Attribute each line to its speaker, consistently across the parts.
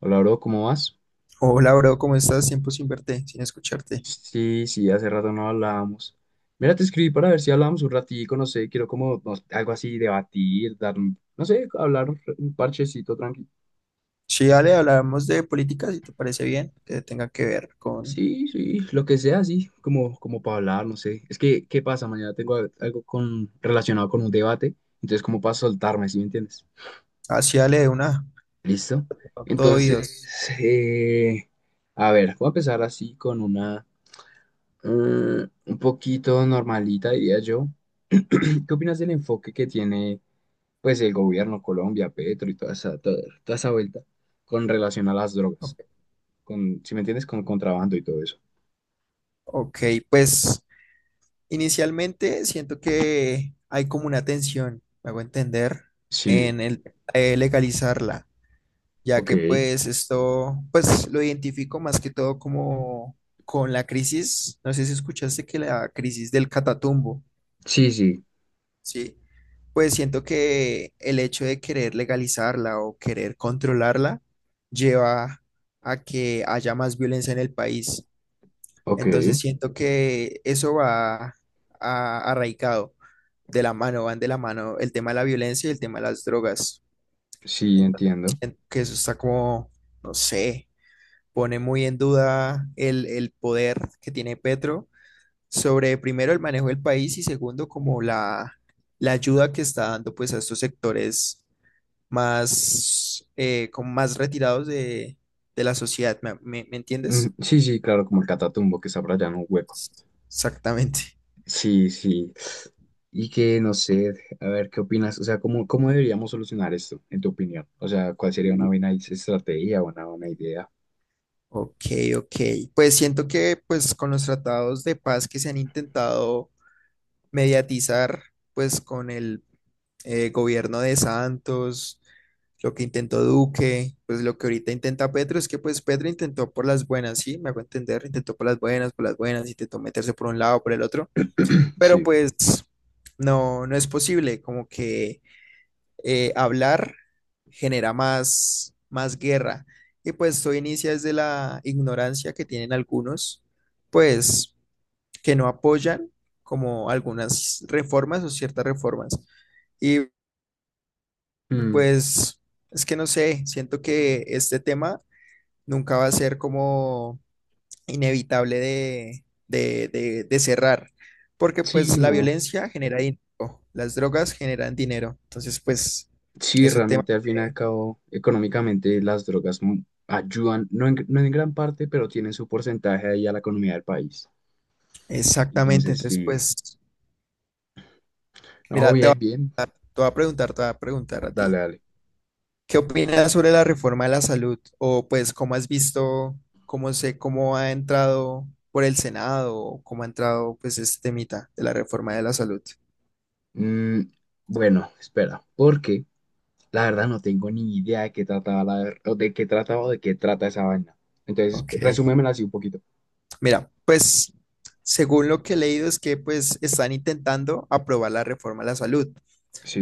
Speaker 1: Hola, bro, ¿cómo vas?
Speaker 2: Hola, bro, ¿cómo estás? Tiempo sin verte, sin escucharte.
Speaker 1: Sí, sí, hace rato no hablábamos. Mira, te escribí para ver si hablábamos un ratico, no sé, quiero como algo así, debatir, dar, no sé, hablar un parchecito tranquilo.
Speaker 2: Sí, dale, hablamos de política, si te parece bien, que tenga que ver con...
Speaker 1: Sí, sí, lo que sea, sí, como para hablar, no sé. Es que, ¿qué pasa? Mañana tengo algo con, relacionado con un debate, entonces como para soltarme, ¿sí me entiendes?
Speaker 2: Así, dale, de una,
Speaker 1: ¿Listo?
Speaker 2: todo
Speaker 1: Entonces,
Speaker 2: oídos.
Speaker 1: eh, a ver, voy a empezar así con una, mm, un poquito normalita, diría yo. ¿Qué opinas del enfoque que tiene pues el gobierno, Colombia, Petro y toda esa vuelta con relación a las drogas?
Speaker 2: Ok,
Speaker 1: Con, si me entiendes, con contrabando y todo eso.
Speaker 2: ok, pues inicialmente siento que hay como una tensión, me hago entender,
Speaker 1: Sí,
Speaker 2: en el legalizarla, ya
Speaker 1: ok.
Speaker 2: que pues esto, pues lo identifico más que todo como con la crisis, no sé si escuchaste que la crisis del Catatumbo.
Speaker 1: Sí, sí,
Speaker 2: Sí, pues siento que el hecho de querer legalizarla o querer controlarla lleva a que haya más violencia en el país.
Speaker 1: ok.
Speaker 2: Entonces siento que eso va arraigado de la mano, van de la mano el tema de la violencia y el tema de las drogas.
Speaker 1: Sí,
Speaker 2: Entonces
Speaker 1: entiendo.
Speaker 2: siento que eso está como, no sé, pone muy en duda el poder que tiene Petro sobre primero el manejo del país y segundo como la ayuda que está dando pues a estos sectores más, como más retirados de la sociedad. ¿Me, me
Speaker 1: Mm,
Speaker 2: entiendes?
Speaker 1: sí, sí, claro, como el Catatumbo que está por allá en un hueco.
Speaker 2: Exactamente.
Speaker 1: Sí, sí. Y que no sé, a ver, ¿qué opinas? O sea, ¿cómo, cómo deberíamos solucionar esto, en tu opinión? O sea, ¿cuál sería una buena estrategia, o una buena idea?
Speaker 2: Ok, ok. Pues siento que pues con los tratados de paz que se han intentado mediatizar pues con el gobierno de Santos, lo que intentó Duque, pues lo que ahorita intenta Petro, es que pues Petro intentó por las buenas, sí, me hago entender, intentó por las buenas, intentó meterse por un lado, por el otro, pero
Speaker 1: Sí.
Speaker 2: pues no, no es posible, como que hablar genera más, más guerra, y pues esto inicia desde la ignorancia que tienen algunos, pues que no apoyan como algunas reformas o ciertas reformas y
Speaker 1: Mm,
Speaker 2: pues... Es que no sé, siento que este tema nunca va a ser como inevitable de, de cerrar, porque pues
Speaker 1: sí,
Speaker 2: la
Speaker 1: no.
Speaker 2: violencia genera dinero, las drogas generan dinero, entonces pues
Speaker 1: Sí,
Speaker 2: es un tema
Speaker 1: realmente al fin y al
Speaker 2: que-
Speaker 1: cabo, económicamente las drogas ayudan, no en, no en gran parte, pero tienen su porcentaje ahí a la economía del país.
Speaker 2: Exactamente,
Speaker 1: Entonces,
Speaker 2: entonces
Speaker 1: sí,
Speaker 2: pues
Speaker 1: no,
Speaker 2: mira, te,
Speaker 1: bien,
Speaker 2: te
Speaker 1: bien,
Speaker 2: voy a preguntar, te voy a preguntar a
Speaker 1: dale,
Speaker 2: ti,
Speaker 1: dale.
Speaker 2: ¿qué opinas sobre la reforma de la salud? O pues cómo has visto, cómo sé, cómo ha entrado por el Senado, o cómo ha entrado pues este temita de la reforma de la salud.
Speaker 1: Mm, bueno, espera, porque la verdad no tengo ni idea de qué trataba la, o de qué trataba o de qué trata esa vaina. Entonces,
Speaker 2: Ok.
Speaker 1: resúmemela así un poquito.
Speaker 2: Mira, pues según lo que he leído es que pues están intentando aprobar la reforma a la salud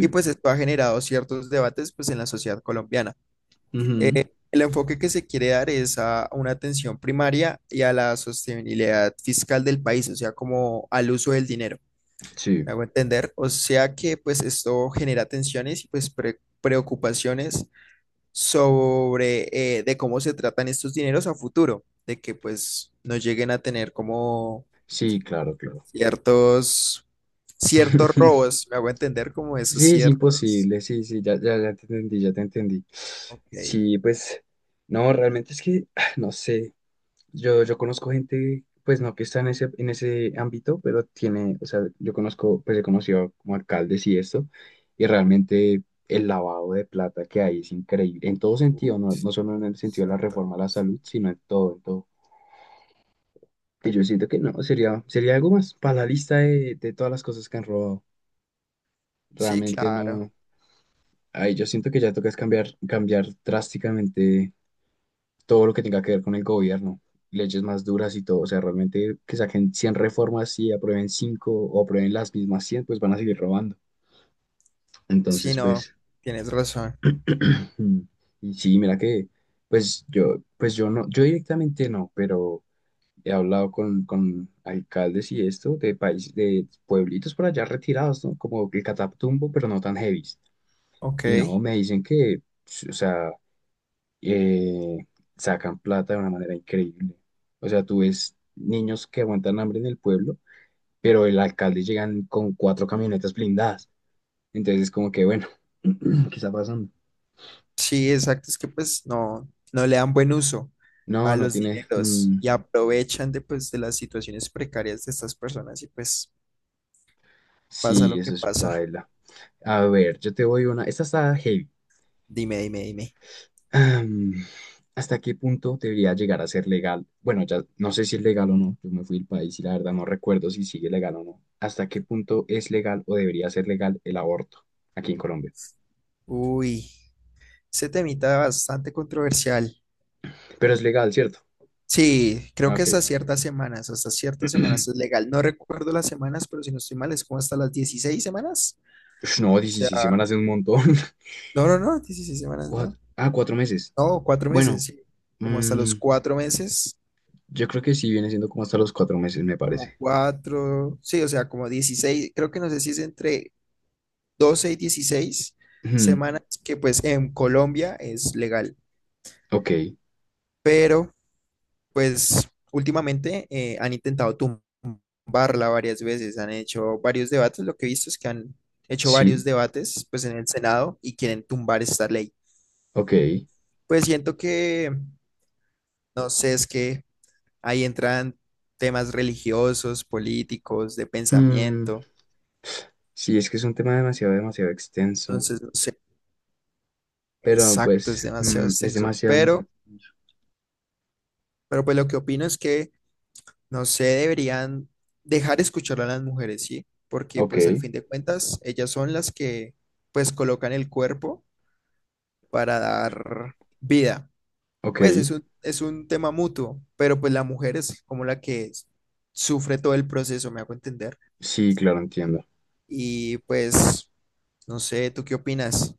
Speaker 2: y pues esto ha generado ciertos debates pues en la sociedad colombiana.
Speaker 1: Ujú,
Speaker 2: El enfoque que se quiere dar es a una atención primaria y a la sostenibilidad fiscal del país, o sea, como al uso del dinero,
Speaker 1: sí,
Speaker 2: ¿me hago entender? O sea que pues esto genera tensiones y pues preocupaciones sobre de cómo se tratan estos dineros a futuro, de que pues no lleguen a tener como
Speaker 1: sí, claro, claro.
Speaker 2: ciertos, ciertos robos, me hago entender como esos
Speaker 1: Sí, es
Speaker 2: ciertos.
Speaker 1: imposible, sí, sí, ya, ya, ya te entendí, ya te entendí.
Speaker 2: Ok.
Speaker 1: Sí, pues, no, realmente es que, no sé, yo conozco gente, pues no que está en ese ámbito, pero tiene, o sea, yo conozco, pues he conocido como alcaldes y esto, y realmente el lavado de plata que hay es increíble, en todo sentido, no,
Speaker 2: Ups,
Speaker 1: no solo en el sentido de la
Speaker 2: exacto.
Speaker 1: reforma a la salud, sino en todo, en todo. Y yo siento que no, sería algo más para la lista de todas las cosas que han robado.
Speaker 2: Sí,
Speaker 1: Realmente
Speaker 2: claro.
Speaker 1: no. Ay, yo siento que ya tocas cambiar, cambiar drásticamente todo lo que tenga que ver con el gobierno, leyes más duras y todo, o sea, realmente que saquen 100 reformas y aprueben 5 o aprueben las mismas 100 pues van a seguir robando.
Speaker 2: Sí,
Speaker 1: Entonces,
Speaker 2: no,
Speaker 1: pues,
Speaker 2: tienes razón.
Speaker 1: y sí, mira que, pues yo no, yo directamente no, pero he hablado con alcaldes y esto de países, de pueblitos por allá retirados, ¿no? Como el Catatumbo, pero no tan heavy.
Speaker 2: Ok.
Speaker 1: Y no, me dicen que, o sea, eh, sacan plata de una manera increíble. O sea, tú ves niños que aguantan hambre en el pueblo, pero el alcalde llegan con cuatro camionetas blindadas. Entonces es como que, bueno, ¿qué está pasando?
Speaker 2: Sí, exacto. Es que pues no, no le dan buen uso
Speaker 1: No,
Speaker 2: a
Speaker 1: no
Speaker 2: los
Speaker 1: tiene.
Speaker 2: dineros
Speaker 1: Mm,
Speaker 2: y aprovechan de pues de las situaciones precarias de estas personas y pues pasa
Speaker 1: sí,
Speaker 2: lo
Speaker 1: eso
Speaker 2: que
Speaker 1: es
Speaker 2: pasa.
Speaker 1: paila. A ver, yo te voy una. Esta está heavy.
Speaker 2: Dime, dime, dime.
Speaker 1: Am, ¿Hasta qué punto debería llegar a ser legal? Bueno, ya no sé si es legal o no. Yo me fui del país y la verdad no recuerdo si sigue legal o no. ¿Hasta qué punto es legal o debería ser legal el aborto aquí en Colombia?
Speaker 2: Uy, ese temita bastante controversial.
Speaker 1: Pero es legal, ¿cierto?
Speaker 2: Sí, creo
Speaker 1: Ah,
Speaker 2: que
Speaker 1: ok.
Speaker 2: hasta ciertas semanas es legal. No recuerdo las semanas, pero si no estoy mal, es como hasta las dieciséis semanas.
Speaker 1: Ush, no,
Speaker 2: O sea,
Speaker 1: 16 semanas es un montón.
Speaker 2: no, no, no, 16 semanas, no.
Speaker 1: 4 meses.
Speaker 2: No, cuatro
Speaker 1: Bueno,
Speaker 2: meses, sí. Como hasta
Speaker 1: mm,
Speaker 2: los cuatro meses,
Speaker 1: yo creo que sí viene siendo como hasta los 4 meses, me parece.
Speaker 2: como cuatro, sí, o sea, como 16. Creo que no sé si es entre 12 y 16
Speaker 1: Ujú,
Speaker 2: semanas, que pues en Colombia es legal,
Speaker 1: ok,
Speaker 2: pero pues últimamente han intentado tumbarla varias veces, han hecho varios debates, lo que he visto es que han hecho varios
Speaker 1: sí,
Speaker 2: debates pues en el Senado y quieren tumbar esta ley.
Speaker 1: ok.
Speaker 2: Pues siento que, no sé, es que ahí entran temas religiosos, políticos, de
Speaker 1: Mm,
Speaker 2: pensamiento,
Speaker 1: sí, es que es un tema demasiado, demasiado extenso.
Speaker 2: entonces no sé,
Speaker 1: Pero
Speaker 2: exacto,
Speaker 1: pues,
Speaker 2: es demasiado
Speaker 1: es
Speaker 2: extenso,
Speaker 1: demasiado, demasiado extenso.
Speaker 2: pero pues lo que opino es que no sé, deberían dejar escuchar a las mujeres, ¿sí? Porque
Speaker 1: Ok,
Speaker 2: pues al fin de cuentas ellas son las que pues colocan el cuerpo para dar vida. Pues
Speaker 1: ok.
Speaker 2: es un tema mutuo, pero pues la mujer es como la que sufre todo el proceso, me hago entender.
Speaker 1: Sí, claro, entiendo.
Speaker 2: Y pues, no sé, ¿tú qué opinas?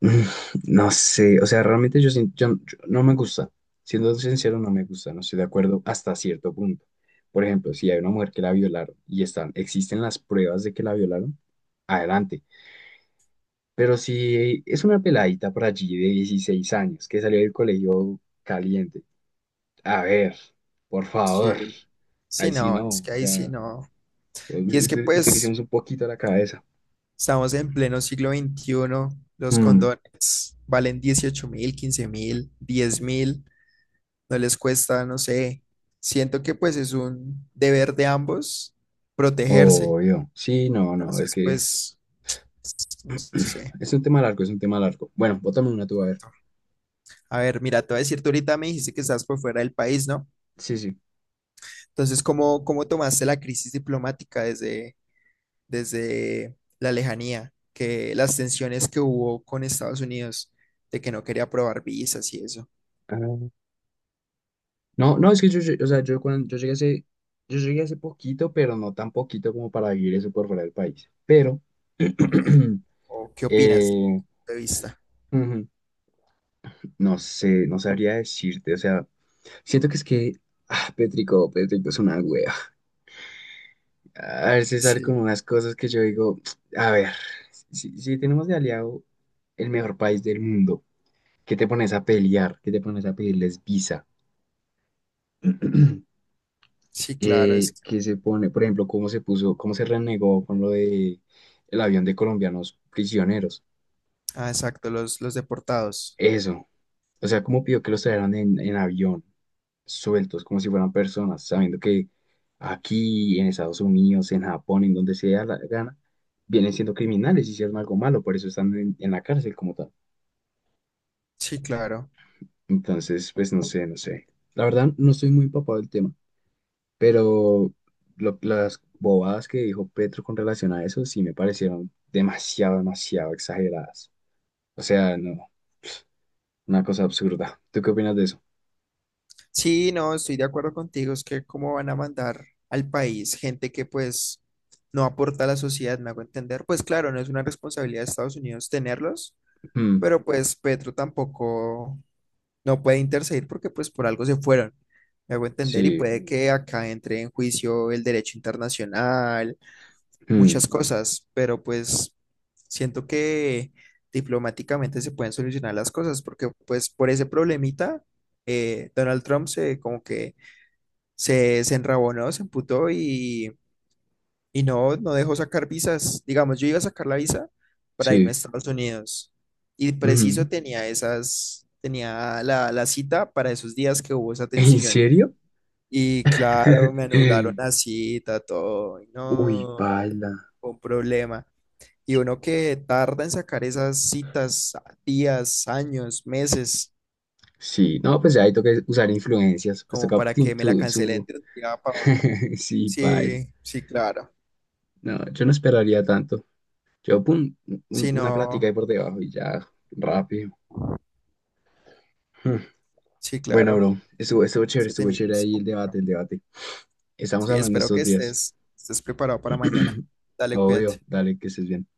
Speaker 1: Mm, no sé, o sea, realmente yo, no me gusta. Siendo sincero, no me gusta, no estoy de acuerdo hasta cierto punto. Por ejemplo, si hay una mujer que la violaron y están, existen las pruebas de que la violaron, adelante. Pero si es una peladita por allí de 16 años que salió del colegio caliente, a ver, por
Speaker 2: Sí,
Speaker 1: favor, ahí
Speaker 2: sí,
Speaker 1: sí
Speaker 2: no, es
Speaker 1: no,
Speaker 2: que
Speaker 1: o
Speaker 2: ahí sí,
Speaker 1: sea,
Speaker 2: no. Y es que pues
Speaker 1: utilicemos un poquito la cabeza.
Speaker 2: estamos en pleno siglo XXI, los
Speaker 1: Mm,
Speaker 2: condones valen 18 mil, 15 mil, 10 mil. No les cuesta, no sé. Siento que pues es un deber de ambos protegerse.
Speaker 1: obvio, sí, no, no, es
Speaker 2: Entonces,
Speaker 1: que
Speaker 2: pues, no sé.
Speaker 1: es un tema largo, es un tema largo. Bueno, bótame una tú, a ver.
Speaker 2: A ver, mira, te voy a decir, tú ahorita me dijiste que estás por fuera del país, ¿no?
Speaker 1: Sí, sí.
Speaker 2: Entonces, ¿cómo, cómo tomaste la crisis diplomática desde, desde la lejanía? Que las tensiones que hubo con Estados Unidos, de que no quería aprobar visas y eso.
Speaker 1: Ah, no, no, es que yo, o sea, yo cuando yo llegué hace poquito, pero no tan poquito como para vivir eso por fuera del país. Pero,
Speaker 2: Ok. ¿O qué opinas de mi
Speaker 1: eh,
Speaker 2: punto de vista?
Speaker 1: ujú. No sé, no sabría decirte, o sea, siento que es que, Pétrico, Pétrico es una wea. A veces sale como
Speaker 2: Sí,
Speaker 1: unas cosas que yo digo, a ver, si, tenemos de aliado el mejor país del mundo, ¿qué te pones a pelear? ¿Qué te pones a pedirles visa?
Speaker 2: sí, claro. Es.
Speaker 1: Que se pone, por ejemplo, cómo se puso, cómo se renegó con lo de el avión de colombianos prisioneros.
Speaker 2: Ah, exacto, los deportados.
Speaker 1: Eso. O sea, cómo pidió que los trajeran en, avión, sueltos, como si fueran personas, sabiendo que aquí, en Estados Unidos, en Japón, en donde sea la gana, vienen siendo criminales, hicieron algo malo, por eso están en la cárcel como tal.
Speaker 2: Sí, claro.
Speaker 1: Entonces, pues no sé, no sé. La verdad, no estoy muy empapado del tema, pero las bobadas que dijo Petro con relación a eso sí me parecieron demasiado, demasiado exageradas. O sea, no, una cosa absurda. ¿Tú qué opinas de eso?
Speaker 2: Sí, no, estoy de acuerdo contigo, es que cómo van a mandar al país gente que pues no aporta a la sociedad, me hago entender. Pues claro, no es una responsabilidad de Estados Unidos tenerlos,
Speaker 1: Mm,
Speaker 2: pero pues Petro tampoco no puede interceder porque pues por algo se fueron, me hago entender, y
Speaker 1: sí,
Speaker 2: puede que acá entre en juicio el derecho internacional,
Speaker 1: mm,
Speaker 2: muchas cosas, pero pues siento que diplomáticamente se pueden solucionar las cosas porque pues por ese problemita Donald Trump se como que se enrabonó, se emputó y no, no dejó sacar visas. Digamos, yo iba a sacar la visa para irme a
Speaker 1: sí.
Speaker 2: Estados Unidos y preciso
Speaker 1: Ujú.
Speaker 2: tenía esas, tenía la, la cita para esos días que hubo esa
Speaker 1: ¿En
Speaker 2: tensión.
Speaker 1: serio?
Speaker 2: Y claro, me anularon la cita, todo, y
Speaker 1: Uy,
Speaker 2: no,
Speaker 1: paila.
Speaker 2: fue un problema. Y uno que tarda en sacar esas citas días, años, meses,
Speaker 1: Sí, no, pues ya ahí toca usar influencias, pues
Speaker 2: como
Speaker 1: toca
Speaker 2: para que me la cancelen de un día para otro.
Speaker 1: Sí, paila.
Speaker 2: Sí, sí, claro.
Speaker 1: No, yo no esperaría tanto. Yo, pum,
Speaker 2: Si
Speaker 1: una plática
Speaker 2: no.
Speaker 1: ahí por debajo y ya, rápido.
Speaker 2: Sí,
Speaker 1: Bueno,
Speaker 2: claro.
Speaker 1: bro, estuvo chévere,
Speaker 2: Ese
Speaker 1: estuvo
Speaker 2: temita
Speaker 1: chévere
Speaker 2: es
Speaker 1: ahí el debate,
Speaker 2: complicado.
Speaker 1: el debate. Estamos
Speaker 2: Sí,
Speaker 1: hablando
Speaker 2: espero que
Speaker 1: estos días.
Speaker 2: estés, estés preparado para mañana. Dale, cuídate.
Speaker 1: Obvio, dale, que estés bien.